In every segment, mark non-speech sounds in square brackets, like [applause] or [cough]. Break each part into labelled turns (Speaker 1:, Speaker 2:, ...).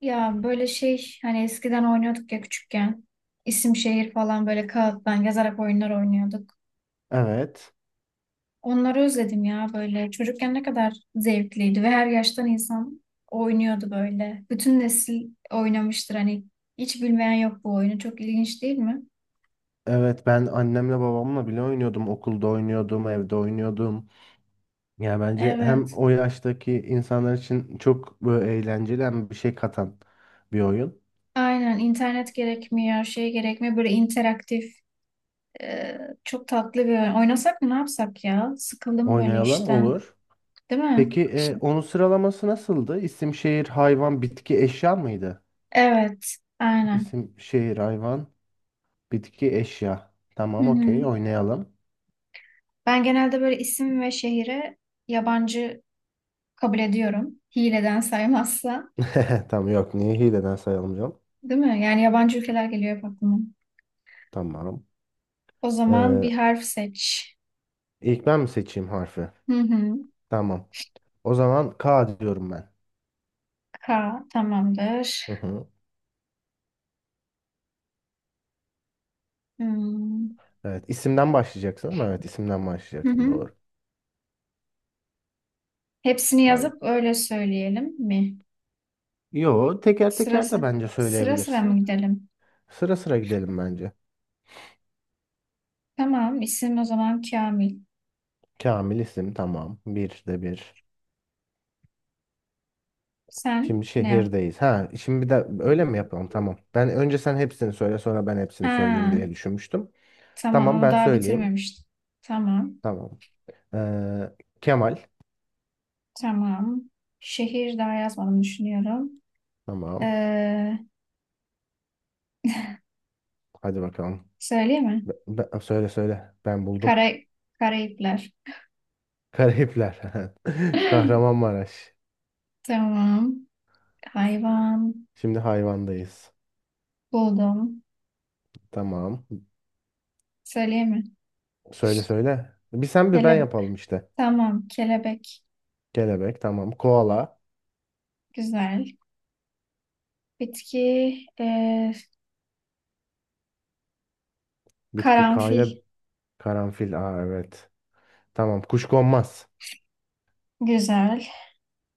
Speaker 1: Ya böyle şey hani eskiden oynuyorduk ya küçükken. İsim şehir falan böyle kağıttan yazarak oyunlar oynuyorduk.
Speaker 2: Evet.
Speaker 1: Onları özledim ya böyle. Çocukken ne kadar zevkliydi ve her yaştan insan oynuyordu böyle. Bütün nesil oynamıştır hani hiç bilmeyen yok bu oyunu. Çok ilginç değil mi?
Speaker 2: Evet ben annemle babamla bile oynuyordum. Okulda oynuyordum, evde oynuyordum. Yani bence hem
Speaker 1: Evet.
Speaker 2: o yaştaki insanlar için çok böyle eğlenceli hem bir şey katan bir oyun.
Speaker 1: Aynen internet gerekmiyor, şey gerekmiyor. Böyle interaktif, e, çok tatlı bir oyun. Oynasak mı ne yapsak ya? Sıkıldım böyle
Speaker 2: Oynayalım
Speaker 1: işten,
Speaker 2: olur.
Speaker 1: değil mi?
Speaker 2: Peki onun sıralaması nasıldı? İsim, şehir, hayvan, bitki, eşya mıydı?
Speaker 1: Evet, aynen.
Speaker 2: İsim, şehir, hayvan, bitki, eşya.
Speaker 1: Hı
Speaker 2: Tamam, okey,
Speaker 1: hı.
Speaker 2: oynayalım.
Speaker 1: Ben genelde böyle isim ve şehire yabancı kabul ediyorum. Hileden saymazsa,
Speaker 2: [laughs] Tamam, yok niye hileden sayalım canım.
Speaker 1: değil mi? Yani yabancı ülkeler geliyor hep aklıma.
Speaker 2: Tamam.
Speaker 1: O zaman bir
Speaker 2: Ee,
Speaker 1: harf seç.
Speaker 2: ilk ben mi seçeyim harfi?
Speaker 1: Hı hı.
Speaker 2: Tamam. O zaman K diyorum ben.
Speaker 1: K tamamdır.
Speaker 2: Hı hı.
Speaker 1: Hmm.
Speaker 2: Evet, isimden başlayacaksın, ama evet isimden
Speaker 1: Hı
Speaker 2: başlayacaksın,
Speaker 1: hı.
Speaker 2: doğru.
Speaker 1: Hepsini
Speaker 2: Hayır.
Speaker 1: yazıp öyle söyleyelim mi?
Speaker 2: Yo, teker teker de
Speaker 1: Sırası.
Speaker 2: bence
Speaker 1: Sıra sıra mı
Speaker 2: söyleyebilirsin.
Speaker 1: gidelim?
Speaker 2: Sıra sıra gidelim bence.
Speaker 1: Tamam, isim o zaman Kamil.
Speaker 2: Kamil isim, tamam. Bir de bir.
Speaker 1: Sen
Speaker 2: Şimdi
Speaker 1: ne yap?
Speaker 2: şehirdeyiz. Ha, şimdi bir de öyle mi yapalım? Tamam. Ben önce sen hepsini söyle sonra ben hepsini söyleyeyim
Speaker 1: Ha,
Speaker 2: diye düşünmüştüm.
Speaker 1: tamam
Speaker 2: Tamam,
Speaker 1: ama
Speaker 2: ben
Speaker 1: daha
Speaker 2: söyleyeyim.
Speaker 1: bitirmemiştim. Tamam,
Speaker 2: Tamam. Ee, Kemal.
Speaker 1: tamam. Şehir daha yazmadım düşünüyorum.
Speaker 2: Tamam.
Speaker 1: Ee,
Speaker 2: Hadi bakalım.
Speaker 1: söyleyeyim mi?
Speaker 2: Söyle söyle. Ben buldum.
Speaker 1: Kara, Karayipler.
Speaker 2: Karayipler. [laughs]
Speaker 1: [laughs]
Speaker 2: Kahramanmaraş.
Speaker 1: Tamam. Hayvan
Speaker 2: Şimdi hayvandayız.
Speaker 1: buldum.
Speaker 2: Tamam.
Speaker 1: Söyleyeyim mi?
Speaker 2: Söyle söyle. Bir sen bir ben
Speaker 1: Kele,
Speaker 2: yapalım işte.
Speaker 1: tamam. Kelebek.
Speaker 2: Kelebek tamam. Koala.
Speaker 1: Güzel. Bitki.
Speaker 2: Bitki kayda
Speaker 1: Karanfil.
Speaker 2: karanfil. Aa, evet. Tamam. Kuşkonmaz.
Speaker 1: Güzel.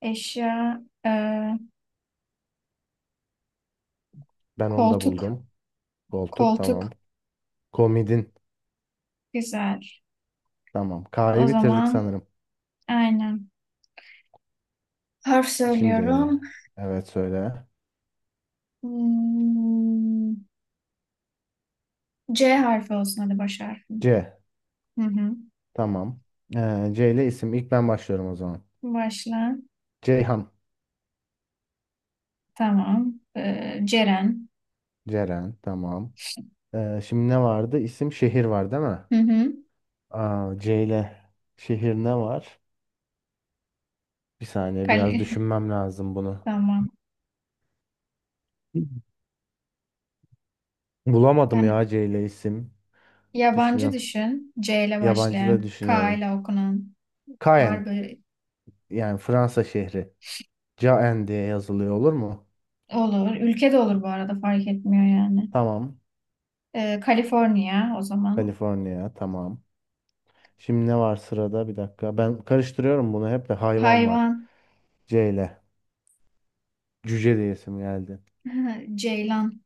Speaker 1: Eşya. ee,
Speaker 2: Ben onu da
Speaker 1: koltuk.
Speaker 2: buldum. Koltuk tamam.
Speaker 1: Koltuk.
Speaker 2: Komidin.
Speaker 1: Güzel.
Speaker 2: Tamam.
Speaker 1: O
Speaker 2: K'yı bitirdik
Speaker 1: zaman
Speaker 2: sanırım.
Speaker 1: aynen. Harf
Speaker 2: Şimdi
Speaker 1: söylüyorum.
Speaker 2: evet, söyle.
Speaker 1: Hmm, C harfi olsun hadi baş harfi.
Speaker 2: C.
Speaker 1: Hı hı.
Speaker 2: Tamam. C ile isim. İlk ben başlıyorum o zaman.
Speaker 1: Başla.
Speaker 2: Ceyhan.
Speaker 1: Tamam. Ceren.
Speaker 2: Ceren. Tamam. Şimdi ne vardı? İsim şehir var değil mi?
Speaker 1: Hı hı.
Speaker 2: Aa, C ile şehir ne var? Bir saniye, biraz
Speaker 1: Kali.
Speaker 2: düşünmem lazım
Speaker 1: [laughs]
Speaker 2: bunu.
Speaker 1: Tamam.
Speaker 2: Bulamadım
Speaker 1: Yani
Speaker 2: ya C ile isim.
Speaker 1: yabancı
Speaker 2: Düşünüyorum.
Speaker 1: düşün. C ile
Speaker 2: Yabancı da
Speaker 1: başlayan. K
Speaker 2: düşünüyorum.
Speaker 1: ile okunan. Var
Speaker 2: Caen,
Speaker 1: böyle.
Speaker 2: yani Fransa şehri. Caen diye yazılıyor, olur mu?
Speaker 1: Olur. Ülke de olur bu arada fark etmiyor yani.
Speaker 2: Tamam.
Speaker 1: Kaliforniya o zaman.
Speaker 2: Kaliforniya tamam. Şimdi ne var sırada? Bir dakika. Ben karıştırıyorum bunu hep, de hayvan var.
Speaker 1: Hayvan.
Speaker 2: C ile. Cüce diye isim geldi.
Speaker 1: [laughs] Ceylan.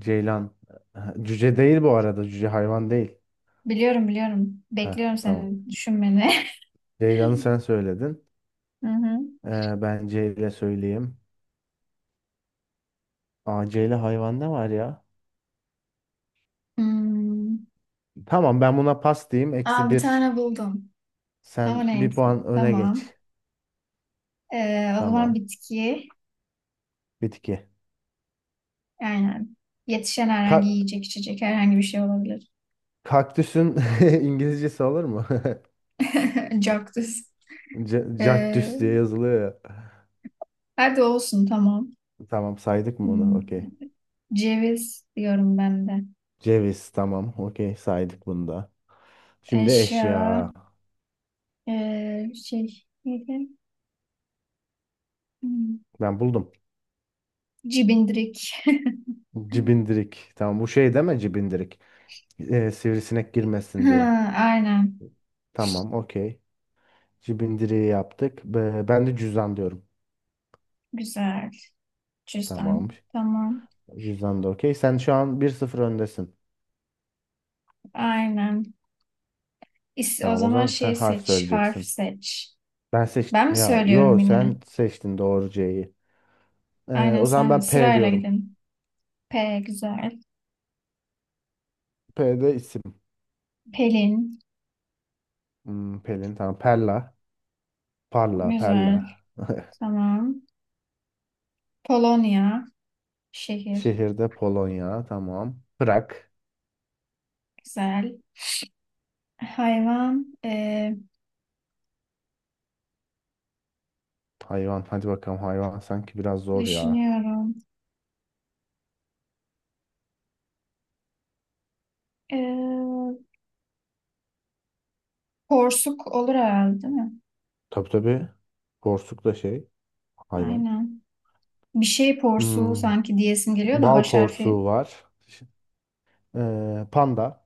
Speaker 2: Ceylan. Ha, Cüce değil bu arada. Cüce hayvan değil.
Speaker 1: Biliyorum.
Speaker 2: Ha,
Speaker 1: Bekliyorum
Speaker 2: tamam.
Speaker 1: senin düşünmeni.
Speaker 2: Ceylan'ı sen
Speaker 1: [laughs]
Speaker 2: söyledin.
Speaker 1: Hı hı.
Speaker 2: Ben C ile söyleyeyim. Aa, C ile hayvan ne var ya?
Speaker 1: Hmm.
Speaker 2: Tamam, ben buna pas diyeyim.
Speaker 1: Aa,
Speaker 2: Eksi
Speaker 1: bir
Speaker 2: bir.
Speaker 1: tane buldum. Ama
Speaker 2: Sen bir
Speaker 1: neyse.
Speaker 2: puan öne
Speaker 1: Tamam.
Speaker 2: geç.
Speaker 1: O zaman
Speaker 2: Tamam.
Speaker 1: bitki.
Speaker 2: Bitki.
Speaker 1: Aynen. Yetişen herhangi
Speaker 2: Ka-
Speaker 1: yiyecek içecek herhangi bir şey olabilir.
Speaker 2: Kaktüsün [laughs] İngilizcesi olur mu? [laughs]
Speaker 1: [laughs] Cactus. Ee,
Speaker 2: Cactus diye yazılıyor ya.
Speaker 1: hadi olsun tamam.
Speaker 2: Tamam, saydık mı onu?
Speaker 1: Hmm,
Speaker 2: Okey.
Speaker 1: Ceviz diyorum ben de.
Speaker 2: Ceviz tamam. Okey, saydık bunu da. Şimdi
Speaker 1: Eşya.
Speaker 2: eşya.
Speaker 1: Şey neydi? Hmm,
Speaker 2: Ben buldum.
Speaker 1: Cibindirik. [laughs]
Speaker 2: Cibindirik. Tamam, bu şey deme cibindirik. Sivrisinek girmesin
Speaker 1: Ha,
Speaker 2: diye.
Speaker 1: aynen.
Speaker 2: Tamam, okey. Cibindiriği yaptık. Ben de cüzdan diyorum.
Speaker 1: Güzel.
Speaker 2: Tamam.
Speaker 1: Cüzdan. Tamam.
Speaker 2: Cüzdan da okey. Sen şu an bir sıfır öndesin.
Speaker 1: Aynen. O
Speaker 2: Tamam, o
Speaker 1: zaman
Speaker 2: zaman sen
Speaker 1: şey
Speaker 2: harf
Speaker 1: seç. Harf
Speaker 2: söyleyeceksin.
Speaker 1: seç.
Speaker 2: Ben seç
Speaker 1: Ben mi
Speaker 2: ya,
Speaker 1: söylüyorum
Speaker 2: yo,
Speaker 1: yine?
Speaker 2: sen seçtin doğru, C'yi.
Speaker 1: Aynen
Speaker 2: O zaman
Speaker 1: sen
Speaker 2: ben P
Speaker 1: sırayla
Speaker 2: diyorum.
Speaker 1: gidin. P güzel.
Speaker 2: P de isim.
Speaker 1: Pelin.
Speaker 2: Pelin tamam. Perla. Parla, Perla.
Speaker 1: Güzel. Tamam. Polonya. Şehir.
Speaker 2: Şehirde Polonya tamam. Prag.
Speaker 1: Güzel. Hayvan.
Speaker 2: Hayvan. Hadi bakalım, hayvan sanki biraz zor ya.
Speaker 1: Düşünüyorum. E, porsuk olur herhalde değil mi?
Speaker 2: Tabii tabii. Porsuk da şey. Hayvan.
Speaker 1: Aynen. Bir şey porsuğu
Speaker 2: Hmm,
Speaker 1: sanki diyesim geliyor da
Speaker 2: Bal
Speaker 1: baş harfi.
Speaker 2: porsuğu var. Panda.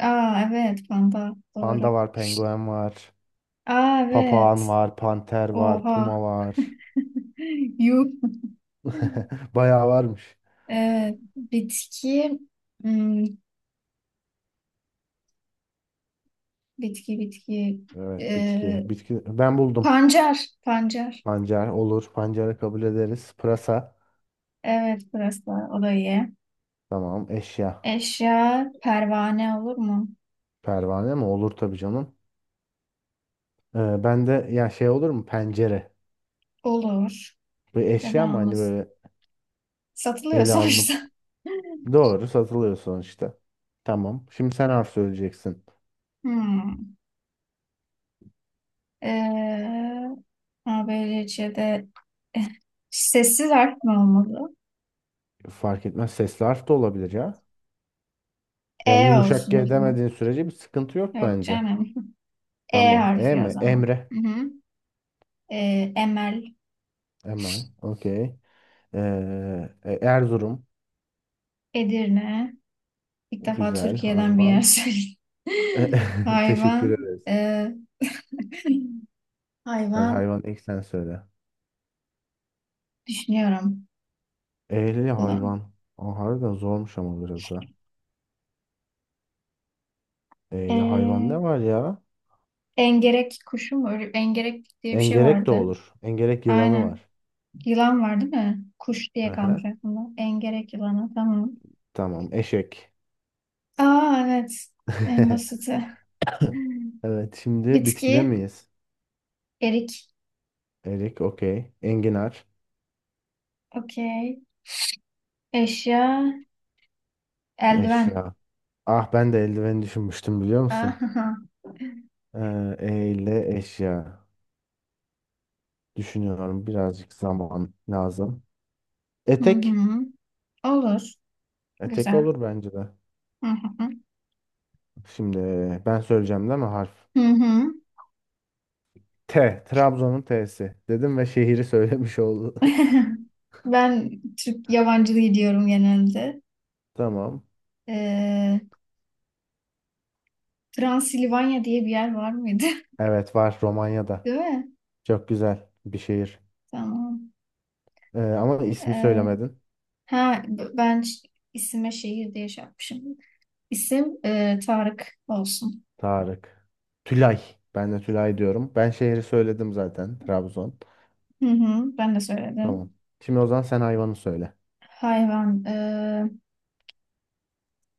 Speaker 1: Aa evet panda.
Speaker 2: Panda
Speaker 1: Doğru.
Speaker 2: var, penguen var.
Speaker 1: Aa evet.
Speaker 2: Papağan var, panter var,
Speaker 1: Oha.
Speaker 2: puma var.
Speaker 1: [laughs] Yuh.
Speaker 2: [laughs] Bayağı varmış.
Speaker 1: Bitki. Hmm, bitki.
Speaker 2: Evet, bitki.
Speaker 1: E,
Speaker 2: Bitki. Ben buldum.
Speaker 1: pancar. Pancar.
Speaker 2: Pancar olur. Pancarı kabul ederiz. Pırasa.
Speaker 1: Evet burası da o da iyi.
Speaker 2: Tamam. Eşya.
Speaker 1: Eşya pervane olur mu?
Speaker 2: Pervane mi? Olur tabii canım. Ben de ya şey olur mu? Pencere.
Speaker 1: Olur.
Speaker 2: Bir
Speaker 1: Neden
Speaker 2: eşya mı? Hani
Speaker 1: olmasın?
Speaker 2: böyle
Speaker 1: Satılıyor
Speaker 2: ele alınıp,
Speaker 1: sonuçta. [laughs]
Speaker 2: doğru, satılıyor sonuçta. Tamam. Şimdi sen harf söyleyeceksin.
Speaker 1: Hmm. Ee, ABC'de sessiz [laughs] harf mi olmalı?
Speaker 2: Fark etmez. Sesli harf de olabilir ya. Yani
Speaker 1: E
Speaker 2: yumuşak
Speaker 1: olsun o
Speaker 2: G
Speaker 1: zaman.
Speaker 2: demediğin sürece bir sıkıntı yok
Speaker 1: Yok
Speaker 2: bence.
Speaker 1: canım. [laughs] E
Speaker 2: Tamam. E
Speaker 1: harfi o
Speaker 2: mi?
Speaker 1: zaman.
Speaker 2: Emre.
Speaker 1: Hı hı. Emel,
Speaker 2: Emel. Okey. Erzurum.
Speaker 1: Edirne. İlk defa
Speaker 2: Güzel.
Speaker 1: Türkiye'den bir yer
Speaker 2: Hayvan.
Speaker 1: söyledim. [laughs]
Speaker 2: [laughs] Teşekkür
Speaker 1: Hayvan.
Speaker 2: ederiz.
Speaker 1: ee, [laughs]
Speaker 2: Hadi,
Speaker 1: hayvan
Speaker 2: hayvan ilk sen söyle.
Speaker 1: düşünüyorum.
Speaker 2: Eğli
Speaker 1: Ulan.
Speaker 2: hayvan. O harbiden zormuş ama biraz ha. Eğli hayvan
Speaker 1: Ee,
Speaker 2: ne var ya?
Speaker 1: Engerek kuşu mu? Engerek diye bir şey
Speaker 2: Engerek de
Speaker 1: vardı.
Speaker 2: olur. Engerek yılanı
Speaker 1: Aynen.
Speaker 2: var.
Speaker 1: Yılan var değil mi? Kuş diye kalmış
Speaker 2: Aha,
Speaker 1: aklımda. Engerek yılanı. Tamam.
Speaker 2: tamam, eşek. [laughs]
Speaker 1: Aa evet. En basiti. [laughs]
Speaker 2: Evet, şimdi bitkide
Speaker 1: Bitki.
Speaker 2: miyiz?
Speaker 1: Erik.
Speaker 2: Erik okey. Enginar.
Speaker 1: Okey. Eşya. Eldiven.
Speaker 2: Eşya. Ah, ben de eldiveni düşünmüştüm, biliyor musun?
Speaker 1: Aha.
Speaker 2: Eğli eşya. Düşünüyorum, birazcık zaman lazım.
Speaker 1: Hı
Speaker 2: Etek.
Speaker 1: hı. Olur.
Speaker 2: Etek
Speaker 1: Güzel.
Speaker 2: olur bence de.
Speaker 1: Hı hı.
Speaker 2: Şimdi ben söyleyeceğim değil mi harf?
Speaker 1: Hı hı.
Speaker 2: T. Trabzon'un T'si. Dedim ve şehri söylemiş oldu.
Speaker 1: [laughs] Ben Türk yabancılığı diyorum genelde.
Speaker 2: [laughs] Tamam.
Speaker 1: Ee, Transilvanya diye bir yer var mıydı?
Speaker 2: Evet, var,
Speaker 1: [laughs]
Speaker 2: Romanya'da.
Speaker 1: Değil mi?
Speaker 2: Çok güzel bir şehir.
Speaker 1: Tamam.
Speaker 2: Ama ismi
Speaker 1: Ee,
Speaker 2: söylemedin.
Speaker 1: Ha, b- ben ş- isime şehir diye şey yapmışım. İsim Tarık olsun.
Speaker 2: Tarık. Tülay. Ben de Tülay diyorum. Ben şehri söyledim zaten. Trabzon.
Speaker 1: Hı hı, ben de söyledim.
Speaker 2: Tamam. Şimdi o zaman sen hayvanı söyle.
Speaker 1: Hayvan.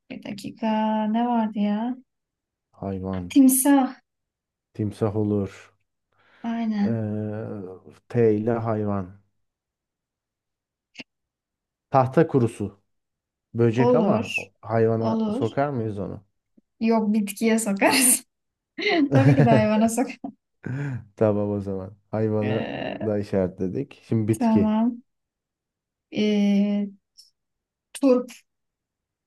Speaker 1: Bir dakika. Ne vardı ya?
Speaker 2: Hayvan.
Speaker 1: Timsah.
Speaker 2: Timsah olur.
Speaker 1: Aynen.
Speaker 2: Ee, T ile hayvan. Tahta kurusu. Böcek ama
Speaker 1: Olur.
Speaker 2: hayvana
Speaker 1: Olur.
Speaker 2: sokar mıyız onu?
Speaker 1: Yok bitkiye sokarız. [laughs] Tabii ki de
Speaker 2: [laughs]
Speaker 1: hayvana sok.
Speaker 2: [laughs] Tamam o zaman. Hayvanı
Speaker 1: E,
Speaker 2: da işaretledik. Şimdi bitki.
Speaker 1: tamam. E, turp.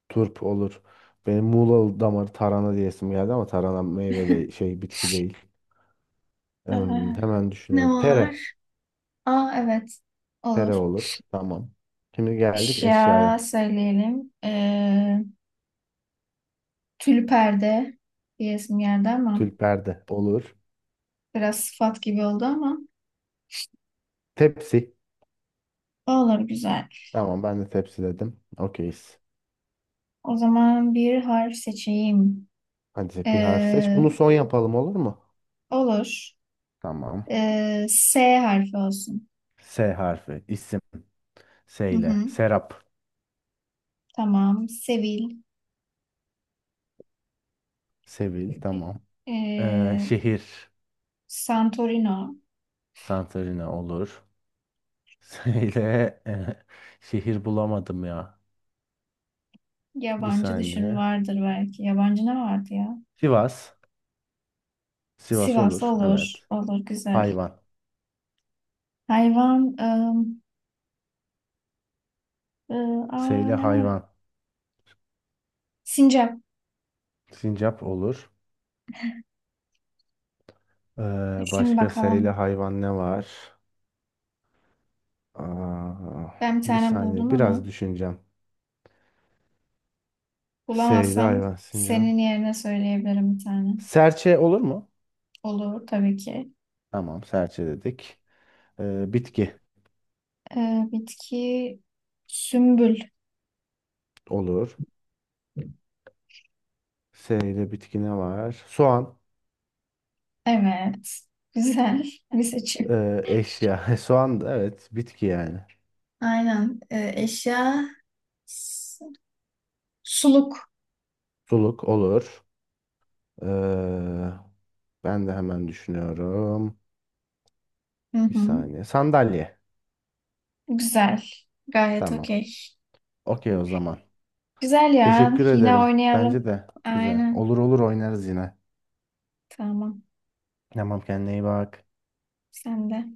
Speaker 2: Turp olur. Benim Muğla damarı tarhana diyesim geldi ama tarhana meyve de şey, bitki değil.
Speaker 1: E,
Speaker 2: Hemen
Speaker 1: ne
Speaker 2: düşünüyorum. Tere.
Speaker 1: var? Aa evet. Olur.
Speaker 2: Tere olur. Tamam. Şimdi geldik
Speaker 1: Eşya
Speaker 2: eşyaya.
Speaker 1: söyleyelim. Tül perde diyesim geldi ama
Speaker 2: Tülper de olur.
Speaker 1: biraz sıfat gibi oldu ama
Speaker 2: Tepsi.
Speaker 1: olur güzel.
Speaker 2: Tamam, ben de tepsi dedim. Okeyiz.
Speaker 1: O zaman bir harf seçeyim.
Speaker 2: Hadi bir harf seç.
Speaker 1: Ee,
Speaker 2: Bunu son yapalım olur mu?
Speaker 1: olur.
Speaker 2: Tamam.
Speaker 1: S harfi olsun.
Speaker 2: S harfi. İsim. S
Speaker 1: Hı
Speaker 2: ile.
Speaker 1: hı,
Speaker 2: Serap.
Speaker 1: tamam. Sevil.
Speaker 2: Sevil. Tamam.
Speaker 1: Ee,
Speaker 2: Şehir.
Speaker 1: Santorino.
Speaker 2: Santorini olur. Şeyde e, [laughs] şehir bulamadım ya. Bir
Speaker 1: Yabancı düşün
Speaker 2: saniye.
Speaker 1: vardır belki. Yabancı ne vardı ya?
Speaker 2: Sivas. Sivas
Speaker 1: Sivas
Speaker 2: olur.
Speaker 1: olur.
Speaker 2: Evet.
Speaker 1: Olur güzel.
Speaker 2: Hayvan.
Speaker 1: Hayvan. I, aa,
Speaker 2: Seyle
Speaker 1: ne var?
Speaker 2: hayvan.
Speaker 1: Sincap.
Speaker 2: Sincap olur. Ee,
Speaker 1: Düşün
Speaker 2: Başka seyle
Speaker 1: bakalım.
Speaker 2: hayvan ne var? Aa,
Speaker 1: Ben bir
Speaker 2: bir
Speaker 1: tane
Speaker 2: saniye.
Speaker 1: buldum
Speaker 2: Biraz
Speaker 1: ama.
Speaker 2: düşüneceğim. Seyle
Speaker 1: Bulamazsam
Speaker 2: hayvan. Sincap.
Speaker 1: senin yerine söyleyebilirim bir tane.
Speaker 2: Serçe olur mu?
Speaker 1: Olur tabii ki.
Speaker 2: Tamam. Serçe dedik. Bitki
Speaker 1: Bitki sümbül.
Speaker 2: olur. Seyle bitki ne var? Soğan.
Speaker 1: Evet. Güzel [laughs] bir seçim.
Speaker 2: Eşya. [laughs] Soğan da evet. Bitki yani.
Speaker 1: Aynen. Eşya s- suluk.
Speaker 2: Suluk olur. Ee, Ben de hemen düşünüyorum.
Speaker 1: Hı
Speaker 2: Bir
Speaker 1: hı.
Speaker 2: saniye. Sandalye.
Speaker 1: Güzel. Gayet
Speaker 2: Tamam.
Speaker 1: okey.
Speaker 2: Okey o zaman.
Speaker 1: Güzel ya.
Speaker 2: Teşekkür
Speaker 1: Yine
Speaker 2: ederim. Bence
Speaker 1: oynayalım.
Speaker 2: de güzel.
Speaker 1: Aynen.
Speaker 2: Olur olur, oynarız yine.
Speaker 1: Tamam.
Speaker 2: Tamam, kendine iyi bak.
Speaker 1: Sen de.